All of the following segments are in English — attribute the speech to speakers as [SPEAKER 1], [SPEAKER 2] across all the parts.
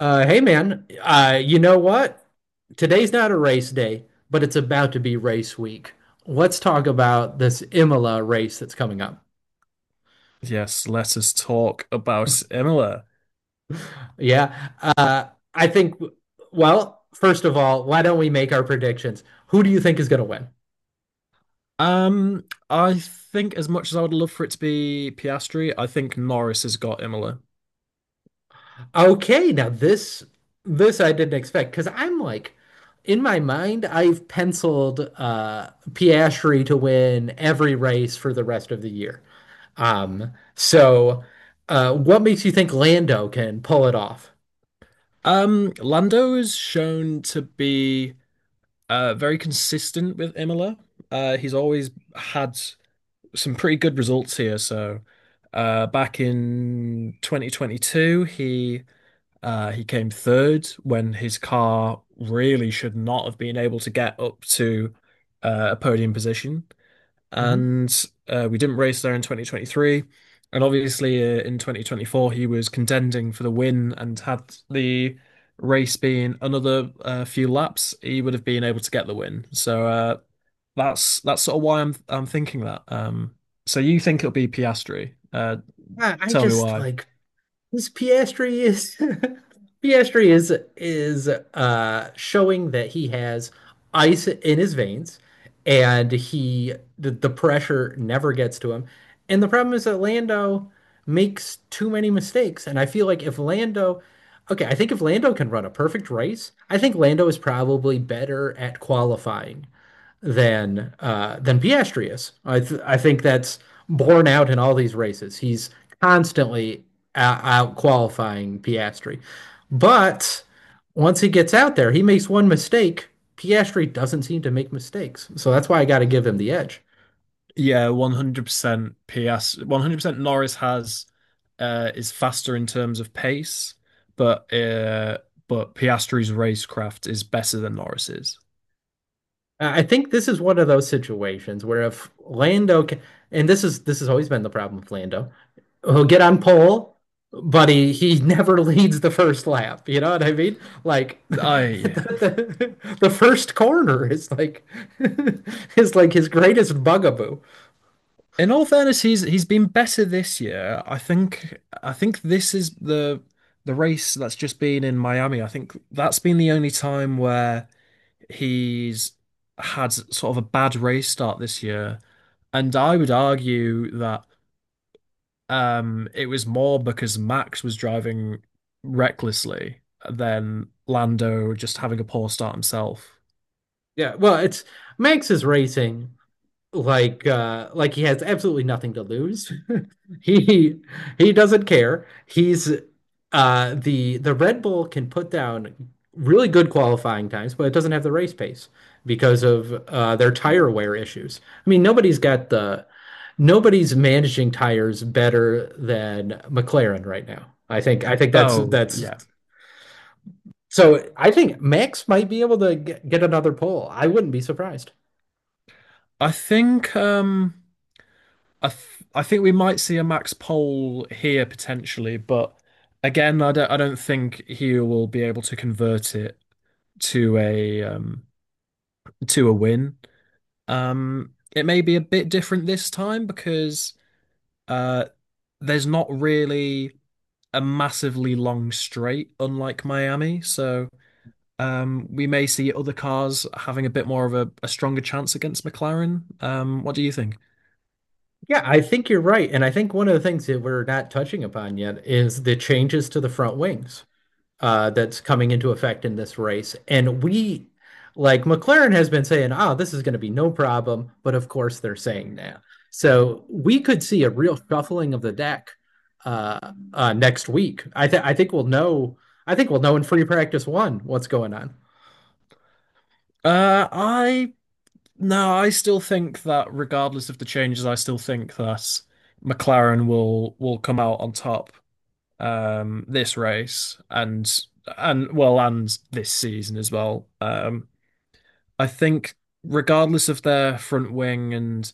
[SPEAKER 1] Hey man, you know what? Today's not a race day, but it's about to be race week. Let's talk about this Imola race that's coming up.
[SPEAKER 2] Yes, let us talk about Imola.
[SPEAKER 1] Yeah, uh, I think. First of all, why don't we make our predictions? Who do you think is going to win?
[SPEAKER 2] Um, I think as much as I would love for it to be Piastri, I think Norris has got Imola.
[SPEAKER 1] Okay, now this I didn't expect because I'm like, in my mind, I've penciled Piastri to win every race for the rest of the year. Um, so what makes you think Lando can pull it off?
[SPEAKER 2] Lando is shown to be very consistent with Imola. He's always had some pretty good results here. So, back in 2022, he came third when his car really should not have been able to get up to a podium position,
[SPEAKER 1] Mhm.
[SPEAKER 2] and we didn't race there in 2023. And obviously, in 2024, he was contending for the win, and had the race been another few laps, he would have been able to get the win. So that's sort of why I'm thinking that. So you think it'll be Piastri?
[SPEAKER 1] I I
[SPEAKER 2] Tell me
[SPEAKER 1] just
[SPEAKER 2] why.
[SPEAKER 1] like This Piastri is Piastri is showing that he has ice in his veins and the pressure never gets to him. And the problem is that Lando makes too many mistakes. And I feel like if Lando okay, I think if Lando can run a perfect race, I think Lando is probably better at qualifying than Piastri is. I think that's borne out in all these races. He's constantly out qualifying Piastri, but once he gets out there, he makes one mistake. Piastri doesn't seem to make mistakes, so that's why I got to give him the edge.
[SPEAKER 2] Yeah, 100% PS. 100% Norris has is faster in terms of pace, but but Piastri's racecraft is better than Norris's.
[SPEAKER 1] I think this is one of those situations where if Lando, ca and this is this has always been the problem with Lando. He'll get on pole, but he never leads the first lap. You know what I mean? Like
[SPEAKER 2] I
[SPEAKER 1] the,
[SPEAKER 2] yeah.
[SPEAKER 1] the, the first corner is like is like his greatest bugaboo.
[SPEAKER 2] In all fairness, he's been better this year. I think this is the race that's just been in Miami. I think that's been the only time where he's had sort of a bad race start this year. And I would argue that it was more because Max was driving recklessly than Lando just having a poor start himself.
[SPEAKER 1] Yeah, well, it's Max is racing like he has absolutely nothing to lose. He he doesn't care. He's the Red Bull can put down really good qualifying times, but it doesn't have the race pace because of their tire wear issues. I mean, nobody's got the nobody's managing tires better than McLaren right now. I think
[SPEAKER 2] Oh,
[SPEAKER 1] that's
[SPEAKER 2] yeah.
[SPEAKER 1] so I think Max might be able to get another pole. I wouldn't be surprised.
[SPEAKER 2] I think I th I think we might see a Max pole here potentially, but again, I don't think he will be able to convert it to a to a win. Um, it may be a bit different this time because uh there's not really a massively long straight, unlike Miami. So we may see other cars having a bit more of a stronger chance against McLaren. What do you think?
[SPEAKER 1] Yeah, I think you're right. And I think one of the things that we're not touching upon yet is the changes to the front wings. That's coming into effect in this race. And like McLaren has been saying, oh, this is going to be no problem. But of course, they're saying that. So we could see a real shuffling of the deck, uh, next week. I think we'll know. I think we'll know in free practice one what's going on.
[SPEAKER 2] I No, I still think that regardless of the changes, I still think that McLaren will come out on top this race and and this season as well. I think, regardless of their front wing and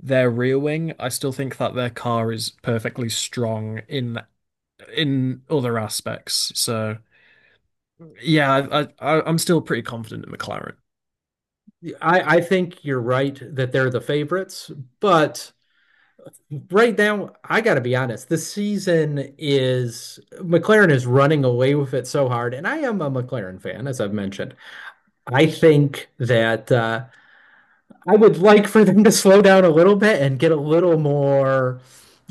[SPEAKER 2] their rear wing, I still think that their car is perfectly strong in other aspects. So, yeah, I am still pretty confident in McLaren.
[SPEAKER 1] I think you're right that they're the favorites, but right now, I got to be honest. This season is McLaren is running away with it so hard, and I am a McLaren fan, as I've mentioned. I think that I would like for them to slow down a little bit and get a little more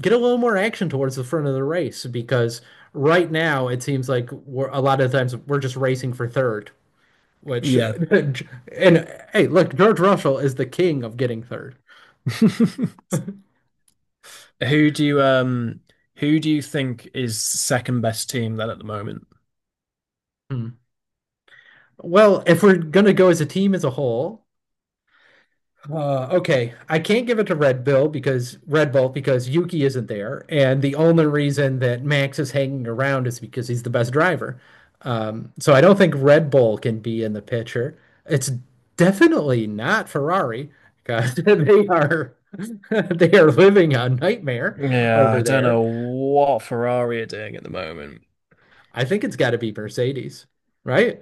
[SPEAKER 1] get a little more action towards the front of the race because right now it seems like we're a lot of times we're just racing for third, which
[SPEAKER 2] Yeah.
[SPEAKER 1] and hey, look, George Russell is the king of getting third.
[SPEAKER 2] Who do you um who do you think is second best team then at the moment?
[SPEAKER 1] Hmm. Well, if we're gonna go as a team as a whole, okay, I can't give it to Red Bull because Yuki isn't there, and the only reason that Max is hanging around is because he's the best driver. So I don't think Red Bull can be in the picture. It's definitely not Ferrari because they are they are living a nightmare
[SPEAKER 2] Yeah, I
[SPEAKER 1] over
[SPEAKER 2] don't
[SPEAKER 1] there.
[SPEAKER 2] know what Ferrari are doing at the moment.
[SPEAKER 1] I think it's got to be Mercedes, right?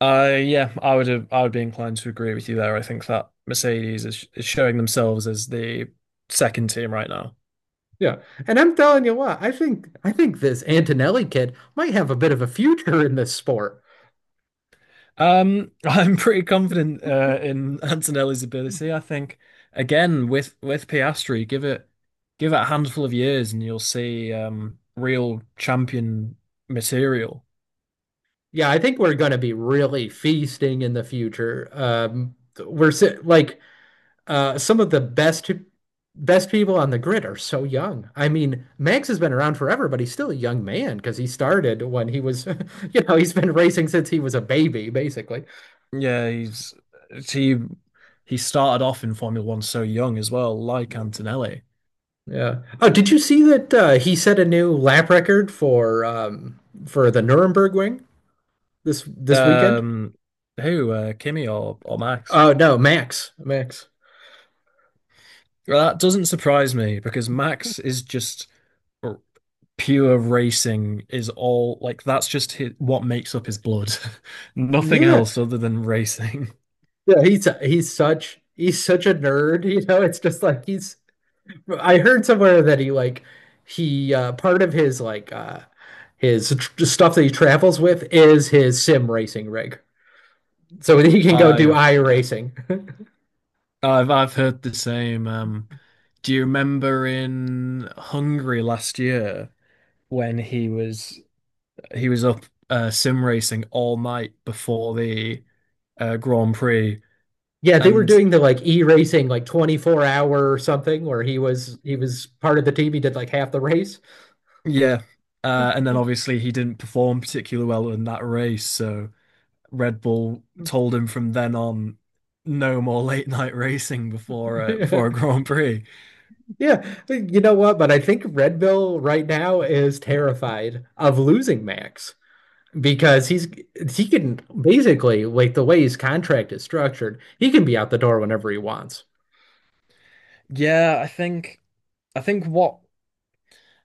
[SPEAKER 2] Yeah, I would be inclined to agree with you there. I think that Mercedes is showing themselves as the second team right now.
[SPEAKER 1] Yeah. And I'm telling you what, I think this Antonelli kid might have a bit of a future in this sport.
[SPEAKER 2] I'm pretty confident in Antonelli's ability. I think again with Piastri, give it a handful of years and you'll see real champion material.
[SPEAKER 1] Yeah, I think we're going to be really feasting in the future. We're si- like Some of the best people on the grid are so young. I mean, Max has been around forever, but he's still a young man because he started when he was, you know, he's been racing since he was a baby, basically.
[SPEAKER 2] Yeah, he's he he started off in Formula One so young as well, like
[SPEAKER 1] Yeah.
[SPEAKER 2] Antonelli.
[SPEAKER 1] Yeah. Oh, did you see that he set a new lap record for the Nuremberg Ring? This weekend?
[SPEAKER 2] Um, who Kimi or Max?
[SPEAKER 1] Oh no, Max. Max.
[SPEAKER 2] Well, that doesn't surprise me because Max is just r- pure racing is all like that's just his, what makes up his blood. Nothing
[SPEAKER 1] Yeah.
[SPEAKER 2] else other than racing.
[SPEAKER 1] He's such a nerd, you know. It's just like he's I heard somewhere that he part of his like his tr stuff that he travels with is his sim racing rig. So he can go do
[SPEAKER 2] I've
[SPEAKER 1] I
[SPEAKER 2] yeah.
[SPEAKER 1] racing.
[SPEAKER 2] I've heard the same. Do you remember in Hungary last year when he was up sim racing all night before the Grand Prix
[SPEAKER 1] Yeah, they were
[SPEAKER 2] and
[SPEAKER 1] doing the like e-racing like 24 hour or something where he was part of the team, he did like half the race.
[SPEAKER 2] yeah, and then obviously he didn't perform particularly well in that race, so Red Bull told him from then on, no more late night racing before before a Grand Prix.
[SPEAKER 1] Yeah, but you know what? But I think Red Bill right now is terrified of losing Max because he can basically, like the way his contract is structured, he can be out the door whenever he wants.
[SPEAKER 2] Yeah, I think what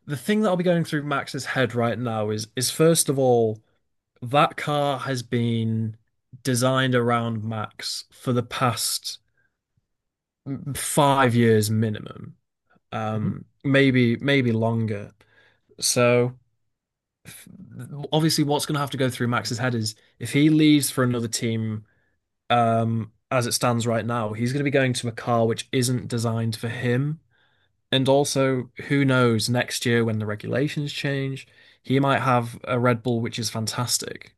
[SPEAKER 2] the thing that'll be going through Max's head right now is first of all, that car has been designed around Max for the past 5 years minimum. Maybe longer. So obviously what's going to have to go through Max's head is if he leaves for another team as it stands right now, he's going to be going to a car which isn't designed for him. And also, who knows, next year when the regulations change, he might have a Red Bull which is fantastic.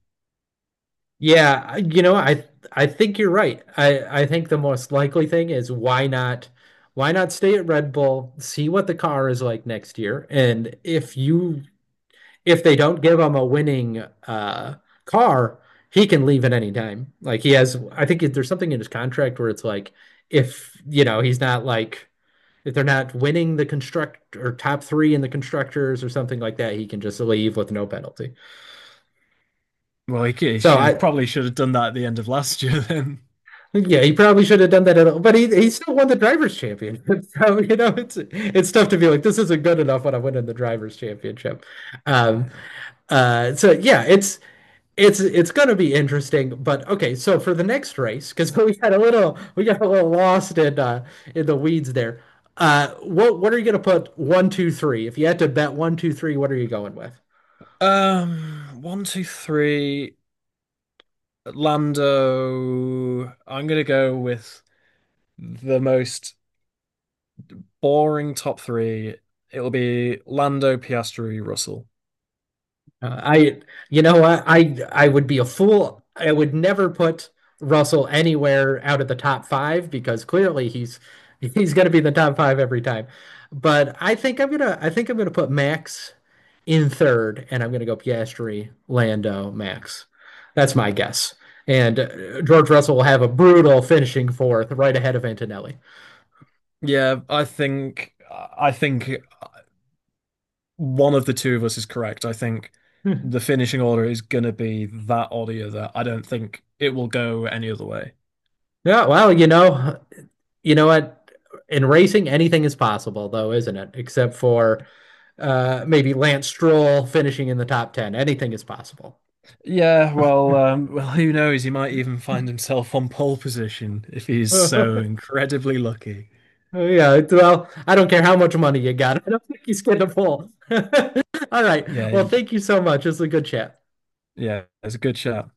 [SPEAKER 1] You know, I think you're right. I think the most likely thing is why not stay at Red Bull, see what the car is like next year, and if they don't give him a winning uh car, he can leave at any time. Like he has I think there's something in his contract where it's like if, you know, he's not like if they're not winning the construct or top 3 in the constructors or something like that, he can just leave with no penalty.
[SPEAKER 2] Well,
[SPEAKER 1] So
[SPEAKER 2] he
[SPEAKER 1] I
[SPEAKER 2] probably should have done that at the end of last year then.
[SPEAKER 1] Yeah, he probably should have done that at all, but he still won the drivers' championship. So you know, it's tough to be like this isn't good enough when I'm winning the drivers' championship. Um,
[SPEAKER 2] Yeah.
[SPEAKER 1] so yeah, it's it's gonna be interesting, but okay. So for the next race, because we got a little we got a little lost in the weeds there. What are you gonna put one, two, three? If you had to bet one, two, three, what are you going with?
[SPEAKER 2] One, two, three. Lando. I'm gonna go with the most boring top three. It'll be Lando, Piastri, Russell.
[SPEAKER 1] Uh, I, you know what? I would be a fool. I would never put Russell anywhere out of the top five because clearly he's going to be in the top five every time. But I think I'm gonna I think I'm gonna put Max in third, and I'm gonna go Piastri, Lando, Max. That's my guess. And George Russell will have a brutal finishing fourth, right ahead of Antonelli.
[SPEAKER 2] Yeah, I think one of the two of us is correct. I think the finishing order is gonna be that or the other. I don't think it will go any other way.
[SPEAKER 1] Yeah, well, you know what? In racing, anything is possible, though, isn't it? Except for maybe Lance Stroll finishing in the top 10. Anything is possible.
[SPEAKER 2] Yeah, well, well, who knows? He might even find himself on pole position if he's
[SPEAKER 1] Yeah,
[SPEAKER 2] so incredibly lucky.
[SPEAKER 1] well, I don't care how much money you got. I don't think he's going to pull. All right.
[SPEAKER 2] Yeah,
[SPEAKER 1] Well, thank you so much. It's a good chat.
[SPEAKER 2] yeah, it's a good shot.